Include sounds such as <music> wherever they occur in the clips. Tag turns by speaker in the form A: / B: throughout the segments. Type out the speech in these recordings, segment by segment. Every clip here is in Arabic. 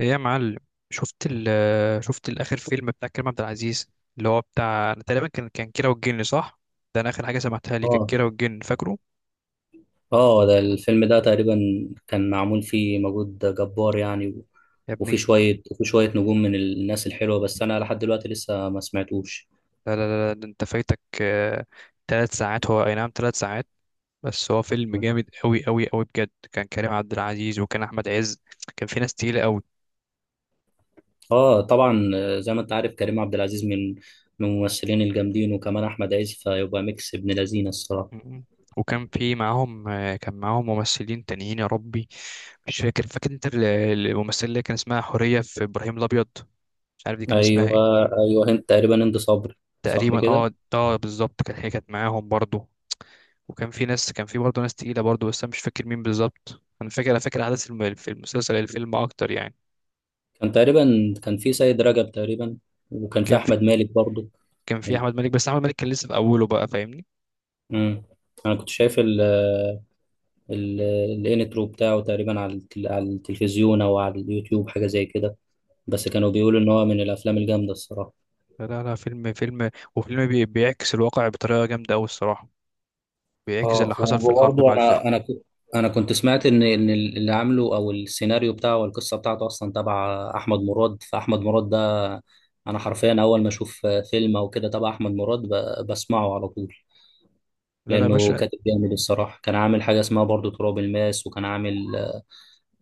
A: ايه يا معلم، شفت شفت الاخر فيلم بتاع كريم عبد العزيز اللي هو بتاع، انا تقريبا كان كيرة والجن صح؟ ده انا اخر حاجه سمعتها لي كانت
B: اه
A: كيرة والجن فاكره.
B: اه ده الفيلم ده تقريبا كان معمول فيه مجهود جبار يعني
A: يا
B: وفي
A: ابني
B: شوية وفي شوية نجوم من الناس الحلوة، بس أنا لحد دلوقتي لسه ما سمعتوش.
A: لا لا لا لا، ده انت فايتك. ثلاث ساعات، هو اي نعم ثلاث ساعات. بس هو فيلم جامد قوي قوي قوي بجد. كان كريم عبد العزيز وكان احمد عز، كان في ناس تقيله قوي.
B: اه طبعا، زي ما أنت عارف كريم عبد العزيز من الممثلين الجامدين، وكمان أحمد عز، فيبقى ميكس ابن لذينة الصراحة.
A: وكان في معاهم، كان معاهم ممثلين تانيين. يا ربي مش فاكر انت الممثله اللي كان اسمها حوريه في ابراهيم الابيض، مش عارف دي كان اسمها ايه.
B: أيوه، أيوه، هند تقريبا، هند صبري. صح
A: تقريبا اه
B: كده.
A: اه بالظبط، كان هي كانت معاهم برضو. وكان في ناس، كان في برضو ناس تقيلة برضو، بس انا مش فاكر مين بالظبط. انا فاكر، انا فاكر احداث في المسلسل الفيلم اكتر يعني.
B: كان في سيد رجب تقريبا، وكان في
A: كان في،
B: أحمد مالك برضه.
A: كان في احمد مالك، بس احمد مالك كان لسه في اوله بقى، فاهمني.
B: مم. أنا كنت شايف الانترو بتاعه تقريبا على على التلفزيون او على اليوتيوب حاجه زي كده، بس كانوا بيقولوا ان هو من الافلام الجامده الصراحه.
A: لا لا لا، فيلم فيلم وفيلم بيعكس الواقع بطريقة جامدة قوي الصراحة، بيعكس اللي
B: اه
A: حصل في الحرب
B: وبرضه
A: مع الفرق.
B: انا كنت سمعت ان اللي عامله او السيناريو بتاعه والقصه بتاعته اصلا تبع احمد مراد، فاحمد مراد ده انا حرفيا اول ما اشوف فيلم او كده تبع احمد مراد بسمعه على طول،
A: لا لا يا
B: لانه
A: باشا،
B: كاتب جامد الصراحه. كان عامل حاجه اسمها برضه تراب الماس، وكان عامل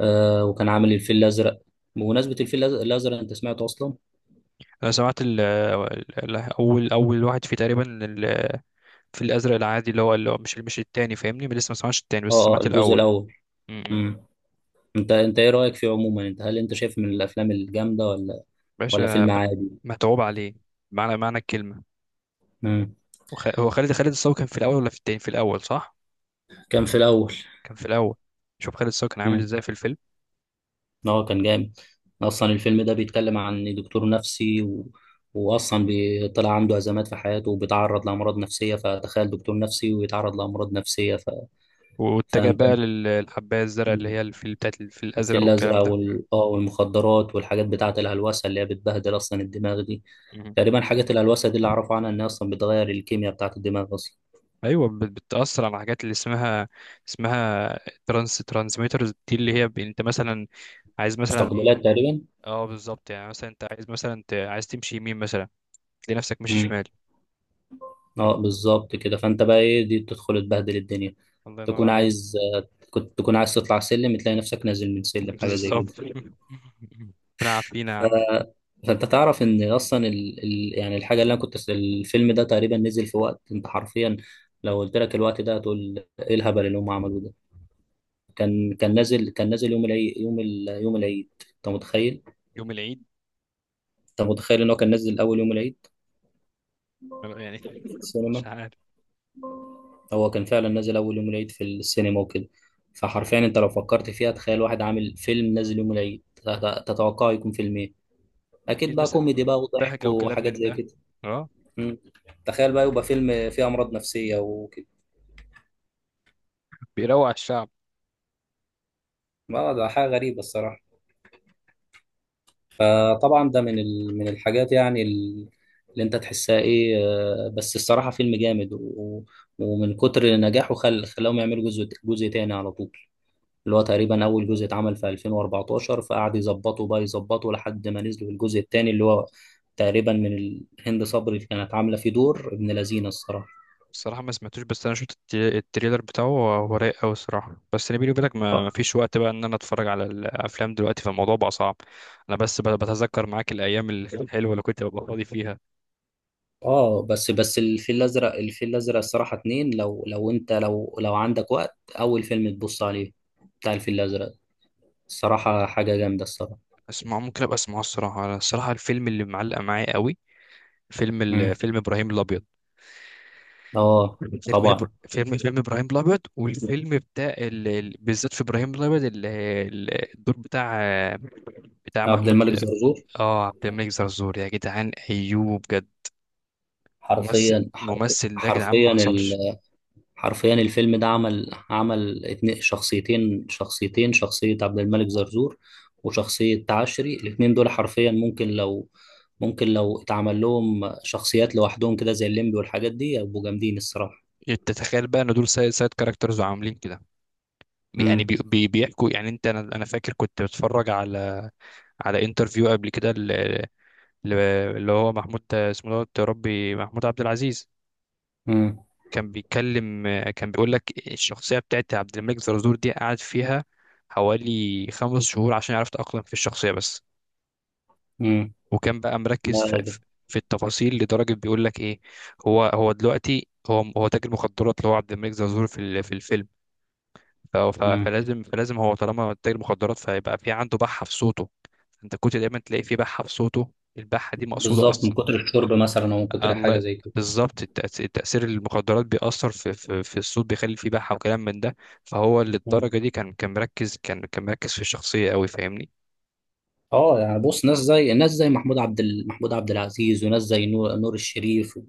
B: آه وكان عامل الفيل الازرق. بمناسبه الازرق، انت سمعته اصلا؟
A: انا سمعت اول واحد فيه تقريبا في الازرق العادي اللي هو، اللي هو مش التاني فاهمني. لسه ما سمعتش التاني بس
B: اه اه،
A: سمعت
B: الجزء
A: الاول.
B: الاول. امم انت ايه رايك فيه عموما؟ انت هل انت شايف من الافلام الجامده ولا
A: باشا
B: فيلم عادي؟
A: متعوب عليه معنى الكلمة.
B: امم.
A: هو خالد الصاوي كان في الأول ولا في التاني؟ في الأول صح؟
B: كان في الاول.
A: كان في الأول. شوف خالد الصاوي كان عامل
B: امم.
A: ازاي في الفيلم.
B: اه كان جامد. اصلا الفيلم ده بيتكلم عن دكتور نفسي واصلا بيطلع عنده ازمات في حياته وبيتعرض لامراض نفسيه، فتخيل دكتور نفسي ويتعرض لامراض نفسيه. ف...
A: واتجه
B: فانت
A: بقى للحباية الزرقاء اللي
B: مم.
A: هي الفيل، بتاعت الفيل
B: الفيل
A: الأزرق
B: الازرق
A: والكلام ده.
B: والمخدرات والحاجات بتاعه الهلوسه اللي هي بتبهدل اصلا الدماغ دي.
A: مم.
B: تقريبا حاجات الهلوسه دي اللي اعرفه عنها انها اصلا بتغير الكيمياء بتاعه الدماغ اصلا.
A: أيوة بتأثر على حاجات اللي اسمها، اسمها ترانسميترز دي اللي هي انت مثلا عايز مثلا
B: مستقبلات
A: ايه؟
B: تقريبا.
A: اه بالظبط. يعني مثلا انت عايز مثلا عايز تمشي يمين مثلا، تلاقي نفسك ماشي
B: امم.
A: شمال.
B: اه بالظبط كده، فانت بقى ايه دي بتدخل تبهدل الدنيا.
A: الله ينور
B: تكون
A: عليك.
B: عايز، كنت تكون عايز تطلع سلم تلاقي نفسك نازل من
A: <laughs>
B: سلم، حاجه زي كده.
A: بالظبط. <laughs> ربنا يعافينا يا
B: ف...
A: عم.
B: فانت تعرف ان اصلا يعني الحاجه اللي انا كنت الفيلم ده تقريبا نزل في وقت، انت حرفيا لو قلت لك الوقت ده هتقول ايه الهبل اللي هم عملوه ده. كان نازل يوم العيد، يوم العيد. انت متخيل؟
A: يوم العيد
B: انت متخيل ان هو كان نازل اول يوم العيد
A: يعني.
B: في
A: <laughs> مش
B: السينما؟
A: عارف.
B: هو كان فعلا نزل اول يوم العيد في السينما وكده. فحرفيا انت لو فكرت فيها، تخيل واحد عامل فيلم نازل يوم العيد، تتوقعه يكون فيلم ايه؟ اكيد
A: اكيد
B: بقى
A: مثلا
B: كوميدي بقى وضحك
A: بهجة وكلام
B: وحاجات
A: من
B: زي
A: ده.
B: كده.
A: اه،
B: مم. تخيل بقى يبقى فيلم فيه امراض نفسية وكده.
A: بيروق على الشعب.
B: ما ده حاجة غريبة الصراحة. فطبعا ده من من الحاجات يعني اللي انت تحسها ايه، بس الصراحة فيلم جامد ومن كتر نجاحه خلاهم يعملوا جزء تاني على طول. اللي هو تقريبا اول جزء اتعمل في 2014، فقعد يظبطه بقى يظبطه لحد ما نزلوا الجزء الثاني، اللي هو تقريبا من هند صبري اللي كانت عامله فيه دور ابن لذينه الصراحه.
A: الصراحة ما سمعتوش، بس انا شفت التريلر بتاعه، هو هو رايق قوي الصراحة. بس انا بيني وبينك ما
B: اه.
A: فيش وقت بقى ان انا اتفرج على الافلام دلوقتي، فالموضوع بقى صعب. انا بس بتذكر معاك الايام الحلوة اللي كنت ببقى فاضي فيها.
B: بس الفيل الازرق، الفيل الازرق الصراحه اتنين، لو لو انت لو لو عندك وقت اول فيلم تبص عليه بتاع الفيل الازرق، الصراحه حاجه جامده الصراحه.
A: اسمع، ممكن ابقى اسمعه الصراحة. انا الصراحة الفيلم اللي معلق معايا قوي فيلم
B: مم.
A: فيلم ابراهيم الابيض.
B: اه
A: فيلم إبر-
B: طبعا.
A: فيلم فيلم ابراهيم الابيض، والفيلم بتاع بالذات في ابراهيم الابيض الدور بتاع
B: عبد
A: محمود.
B: الملك زرزور.
A: اه عبد الملك زرزور يا جدعان، ايوه بجد. ممثل، ده يا جدعان ما
B: حرفيا.
A: حصلش.
B: حرفيا الفيلم ده عمل اتنين شخصيتين، شخصية عبد الملك زرزور وشخصية تعشري. الاتنين دول حرفيا ممكن لو، اتعمل لهم شخصيات لوحدهم كده زي الليمبي والحاجات دي يبقوا جامدين الصراحة.
A: انت تخيل بقى ان دول سايد كاركترز وعاملين كده. يعني
B: امم.
A: بي بيحكوا يعني انت، انا فاكر كنت بتفرج على، على انترفيو قبل كده ل- اللي هو محمود اسمه دوت يا ربي، محمود عبد العزيز.
B: امم.
A: كان بيتكلم، كان بيقول لك الشخصيه بتاعت عبد الملك زرزور دي قعد فيها حوالي خمس شهور عشان يعرف يتأقلم في الشخصيه بس.
B: امم.
A: وكان بقى
B: لا
A: مركز في
B: لا.
A: في في التفاصيل لدرجه بيقول لك ايه، هو دلوقتي هو تاجر مخدرات، اللي هو عبد الملك زرزور في في الفيلم.
B: امم.
A: فلازم هو طالما تاجر مخدرات فيبقى في عنده بحه في صوته. انت كنت دايما تلاقي في بحه في صوته، البحه دي مقصوده
B: بالظبط، من
A: اصلا.
B: كتر الشرب مثلا او من كتر حاجة
A: الله
B: زي
A: بالظبط. التأثير المخدرات بيأثر في في الصوت، بيخلي فيه بحة وكلام من ده. فهو
B: كده.
A: للدرجة دي كان مركز، كان مركز في الشخصية قوي فاهمني.
B: اه يعني بص، ناس زي ناس زي محمود عبد العزيز، وناس زي نور، نور الشريف،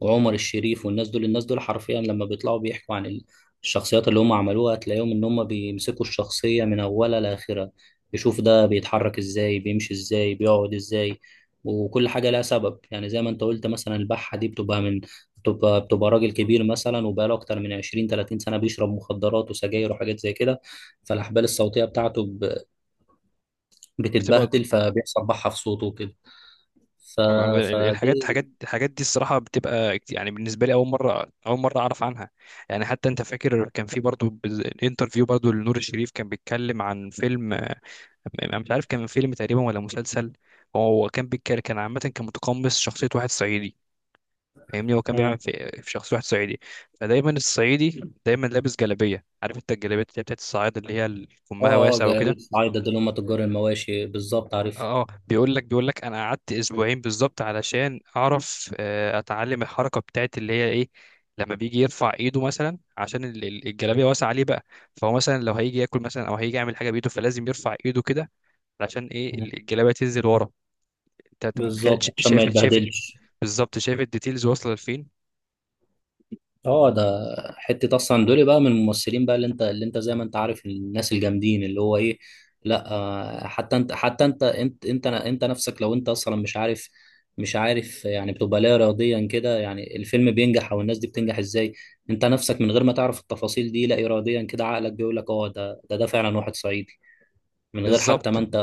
B: وعمر الشريف، والناس دول، الناس دول حرفيا لما بيطلعوا بيحكوا عن الشخصيات اللي هم عملوها تلاقيهم ان هم بيمسكوا الشخصية من اولها لاخرها، يشوف ده بيتحرك ازاي، بيمشي ازاي، بيقعد ازاي. وكل حاجة لها سبب، يعني زي ما انت قلت مثلا البحة دي بتبقى من بتبقى بتبقى راجل كبير مثلا وبقاله اكتر من 20 30 سنة بيشرب مخدرات وسجاير وحاجات زي كده، فالاحبال الصوتيه بتاعته
A: بتبقى.
B: بتتبهدل، فبيحصل بحة في صوته وكده. ف... فدي
A: الحاجات دي الصراحه بتبقى يعني بالنسبه لي، اول مره اول مره اعرف عنها. يعني حتى انت فاكر كان في برضو انترفيو برضو لنور الشريف، كان بيتكلم عن فيلم. انا مش عارف كان فيلم تقريبا ولا مسلسل. هو كان بيتكلم، كان عامه كان متقمص شخصيه واحد صعيدي فاهمني. هو كان بيعمل
B: مم.
A: في, شخصيه واحد صعيدي. فدايما الصعيدي دايما لابس جلابيه. عارف انت الجلابيه اللي هي بتاعت الصعايده، اللي هي كمها
B: اه اه،
A: واسع
B: جرابيب
A: وكده.
B: الصعايدة دول هم تجار المواشي بالظبط عارف.
A: اه، بيقول لك بيقول لك انا قعدت اسبوعين بالظبط علشان اعرف، اتعلم الحركه بتاعت اللي هي ايه؟ لما بيجي يرفع ايده مثلا عشان الجلابيه واسعه عليه بقى. فهو مثلا لو هيجي ياكل مثلا او هيجي يعمل حاجه بايده فلازم يرفع ايده كده علشان ايه
B: مم.
A: الجلابيه تنزل ورا. انت متخيل؟
B: بالظبط، عشان ما
A: شايف.
B: يتبهدلش.
A: بالظبط، شايف الديتيلز واصله لفين.
B: اه ده حته اصلا دول بقى من الممثلين بقى، اللي انت زي ما انت عارف، الناس الجامدين اللي هو ايه. لا، حتى انت نفسك لو انت اصلا مش عارف، يعني بتبقى لا اراديا كده، يعني الفيلم بينجح او الناس دي بتنجح ازاي. انت نفسك من غير ما تعرف التفاصيل دي، لا اراديا كده عقلك بيقول لك اه ده، ده فعلا واحد صعيدي، من غير حتى
A: بالظبط.
B: ما انت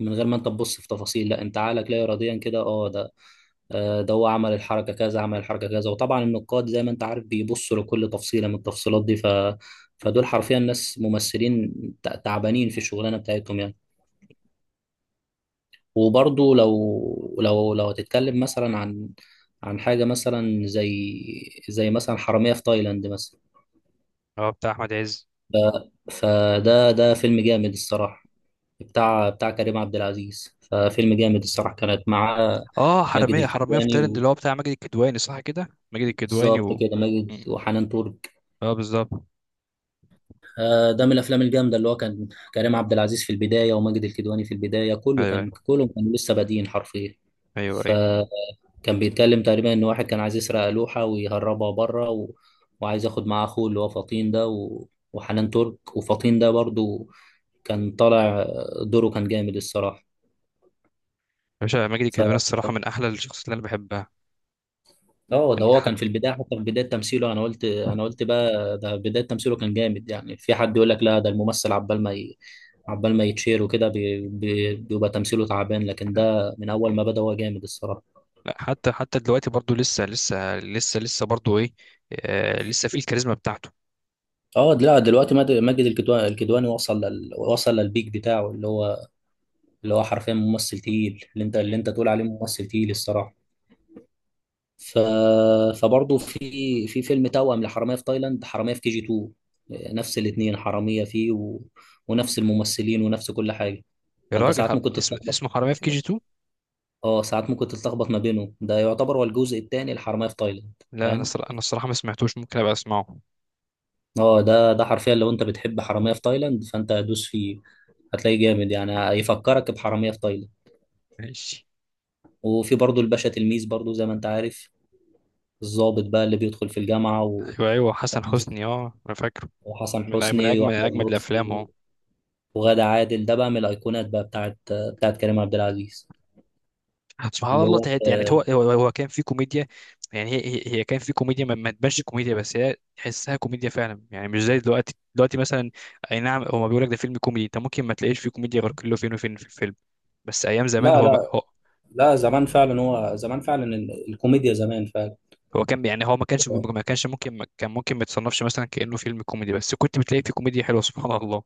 B: من غير ما انت تبص في تفاصيل، لا انت عقلك لا اراديا كده اه ده، ده هو عمل الحركة كذا عمل الحركة كذا. وطبعا النقاد زي ما انت عارف بيبصوا لكل تفصيلة من التفصيلات دي. فدول حرفيا ناس ممثلين تعبانين في الشغلانة بتاعتهم يعني. وبرضه لو هتتكلم مثلا عن حاجة مثلا زي، مثلا حرامية في تايلاند مثلا.
A: اه بتاع احمد عز.
B: ف... فده فيلم جامد الصراحة، بتاع كريم عبد العزيز، ففيلم جامد الصراحة كانت معاه
A: اه
B: ماجد
A: حراميه في تايلاند
B: الكدواني.
A: اللي هو بتاع ماجد الكدواني صح كده، ماجد الكدواني
B: بالظبط
A: و
B: كده، ماجد
A: م.
B: وحنان ترك.
A: اه بالظبط.
B: ده من الافلام الجامده اللي هو كان كريم عبد العزيز في البدايه وماجد الكدواني في البدايه، كله
A: ايوه
B: كان
A: ايوه،
B: كلهم كانوا لسه بادئين حرفيا.
A: ايوه أيوه.
B: فكان بيتكلم تقريبا ان واحد كان عايز يسرق لوحه ويهربها بره، وعايز ياخد معاه اخوه اللي هو فطين ده، وحنان ترك، وفطين ده برضو كان طالع دوره كان جامد
A: باشا ماجد الكدواني الصراحة
B: الصراحه.
A: من أحلى الشخصيات اللي أنا بحبها.
B: اه ده
A: يعني
B: هو كان في
A: حتى
B: البدايه، حتى في بدايه تمثيله، انا قلت بقى ده بدايه تمثيله كان جامد، يعني في حد يقول لك لا ده الممثل عبال ما يتشير وكده بيبقى تمثيله تعبان، لكن ده من اول ما بدا هو جامد الصراحه.
A: لا، حتى دلوقتي برضو لسه برضو إيه، آه لسه فيه الكاريزما بتاعته.
B: اه لا دلوقتي ماجد الكدواني وصل وصل للبيك بتاعه، اللي هو حرفيا ممثل تقيل، اللي انت
A: مم.
B: اللي انت تقول عليه ممثل تقيل الصراحه. ف... فبرضه في، فيلم توأم لحرامية في تايلاند، حرامية في كي جي 2. نفس الاتنين حرامية فيه، ونفس الممثلين ونفس كل حاجة.
A: يا
B: فأنت
A: راجل
B: ساعات ممكن تتلخبط.
A: اسمه حرامية في كي جي 2.
B: اه ساعات ممكن تتلخبط ما بينهم، ده يعتبر هو الجزء الثاني الحرامية في تايلاند.
A: لا أنا
B: فاهم.
A: صر... أنا الصراحة ما سمعتوش، ممكن أبقى أسمعه.
B: اه ده حرفيا لو انت بتحب حرامية في تايلاند فانت هدوس فيه، هتلاقيه جامد يعني، هيفكرك بحرامية في تايلاند.
A: ماشي.
B: وفي برضه الباشا تلميذ برضه زي ما انت عارف، الضابط بقى اللي بيدخل في الجامعة،
A: أيوه أيوه، حسن حسني أه أنا فاكره.
B: وحسن
A: من من
B: حسني واحمد
A: أجمد الأفلام
B: لطفي
A: أه.
B: وغادة عادل، ده بقى من الايقونات بقى بتاعت كريم عبد العزيز
A: سبحان
B: اللي
A: الله
B: هو،
A: تحت، يعني هو كان في كوميديا. يعني هي كان في كوميديا، ما تبانش كوميديا بس هي تحسها كوميديا فعلا، يعني مش زي دلوقتي، دلوقتي مثلا اي نعم هو بيقول لك ده فيلم كوميدي، انت ممكن ما تلاقيش فيه كوميديا غير كله فين وفين في الفيلم. بس ايام زمان،
B: لا لا
A: هو
B: لا، زمان فعلا، هو زمان فعلا الكوميديا زمان فعلا.
A: هو كان، يعني هو ما كان ممكن ما يتصنفش مثلا كأنه فيلم كوميدي، بس كنت بتلاقي فيه كوميديا حلوه سبحان الله.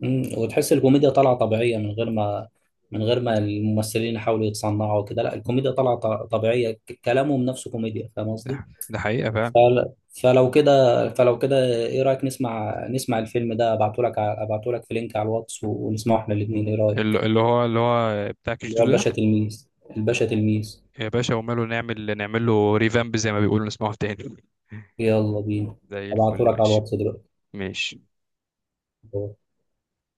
B: مم، وتحس الكوميديا طالعه طبيعيه، من غير ما، من غير ما الممثلين يحاولوا يتصنعوا وكده، لا الكوميديا طالعه طبيعيه، كلامهم نفسه كوميديا، فاهم
A: ده,
B: قصدي.
A: ده حقيقه فعلا.
B: فل- فلو كده، ايه رايك نسمع الفيلم ده؟ ابعته لك، في لينك على الواتس ونسمعه احنا الاثنين، ايه رايك؟
A: اللي هو بتاع كيش
B: اللي
A: دو
B: هو
A: ده.
B: الباشا تلميذ، الباشا تلميذ.
A: يا باشا وماله، نعمل له ريفامب زي ما بيقولوا، نسمعه تاني.
B: يلا بينا.
A: <laughs> زي الفل
B: هبعتهولك على
A: ماشي.
B: الواتس دلوقتي.
A: ماشي.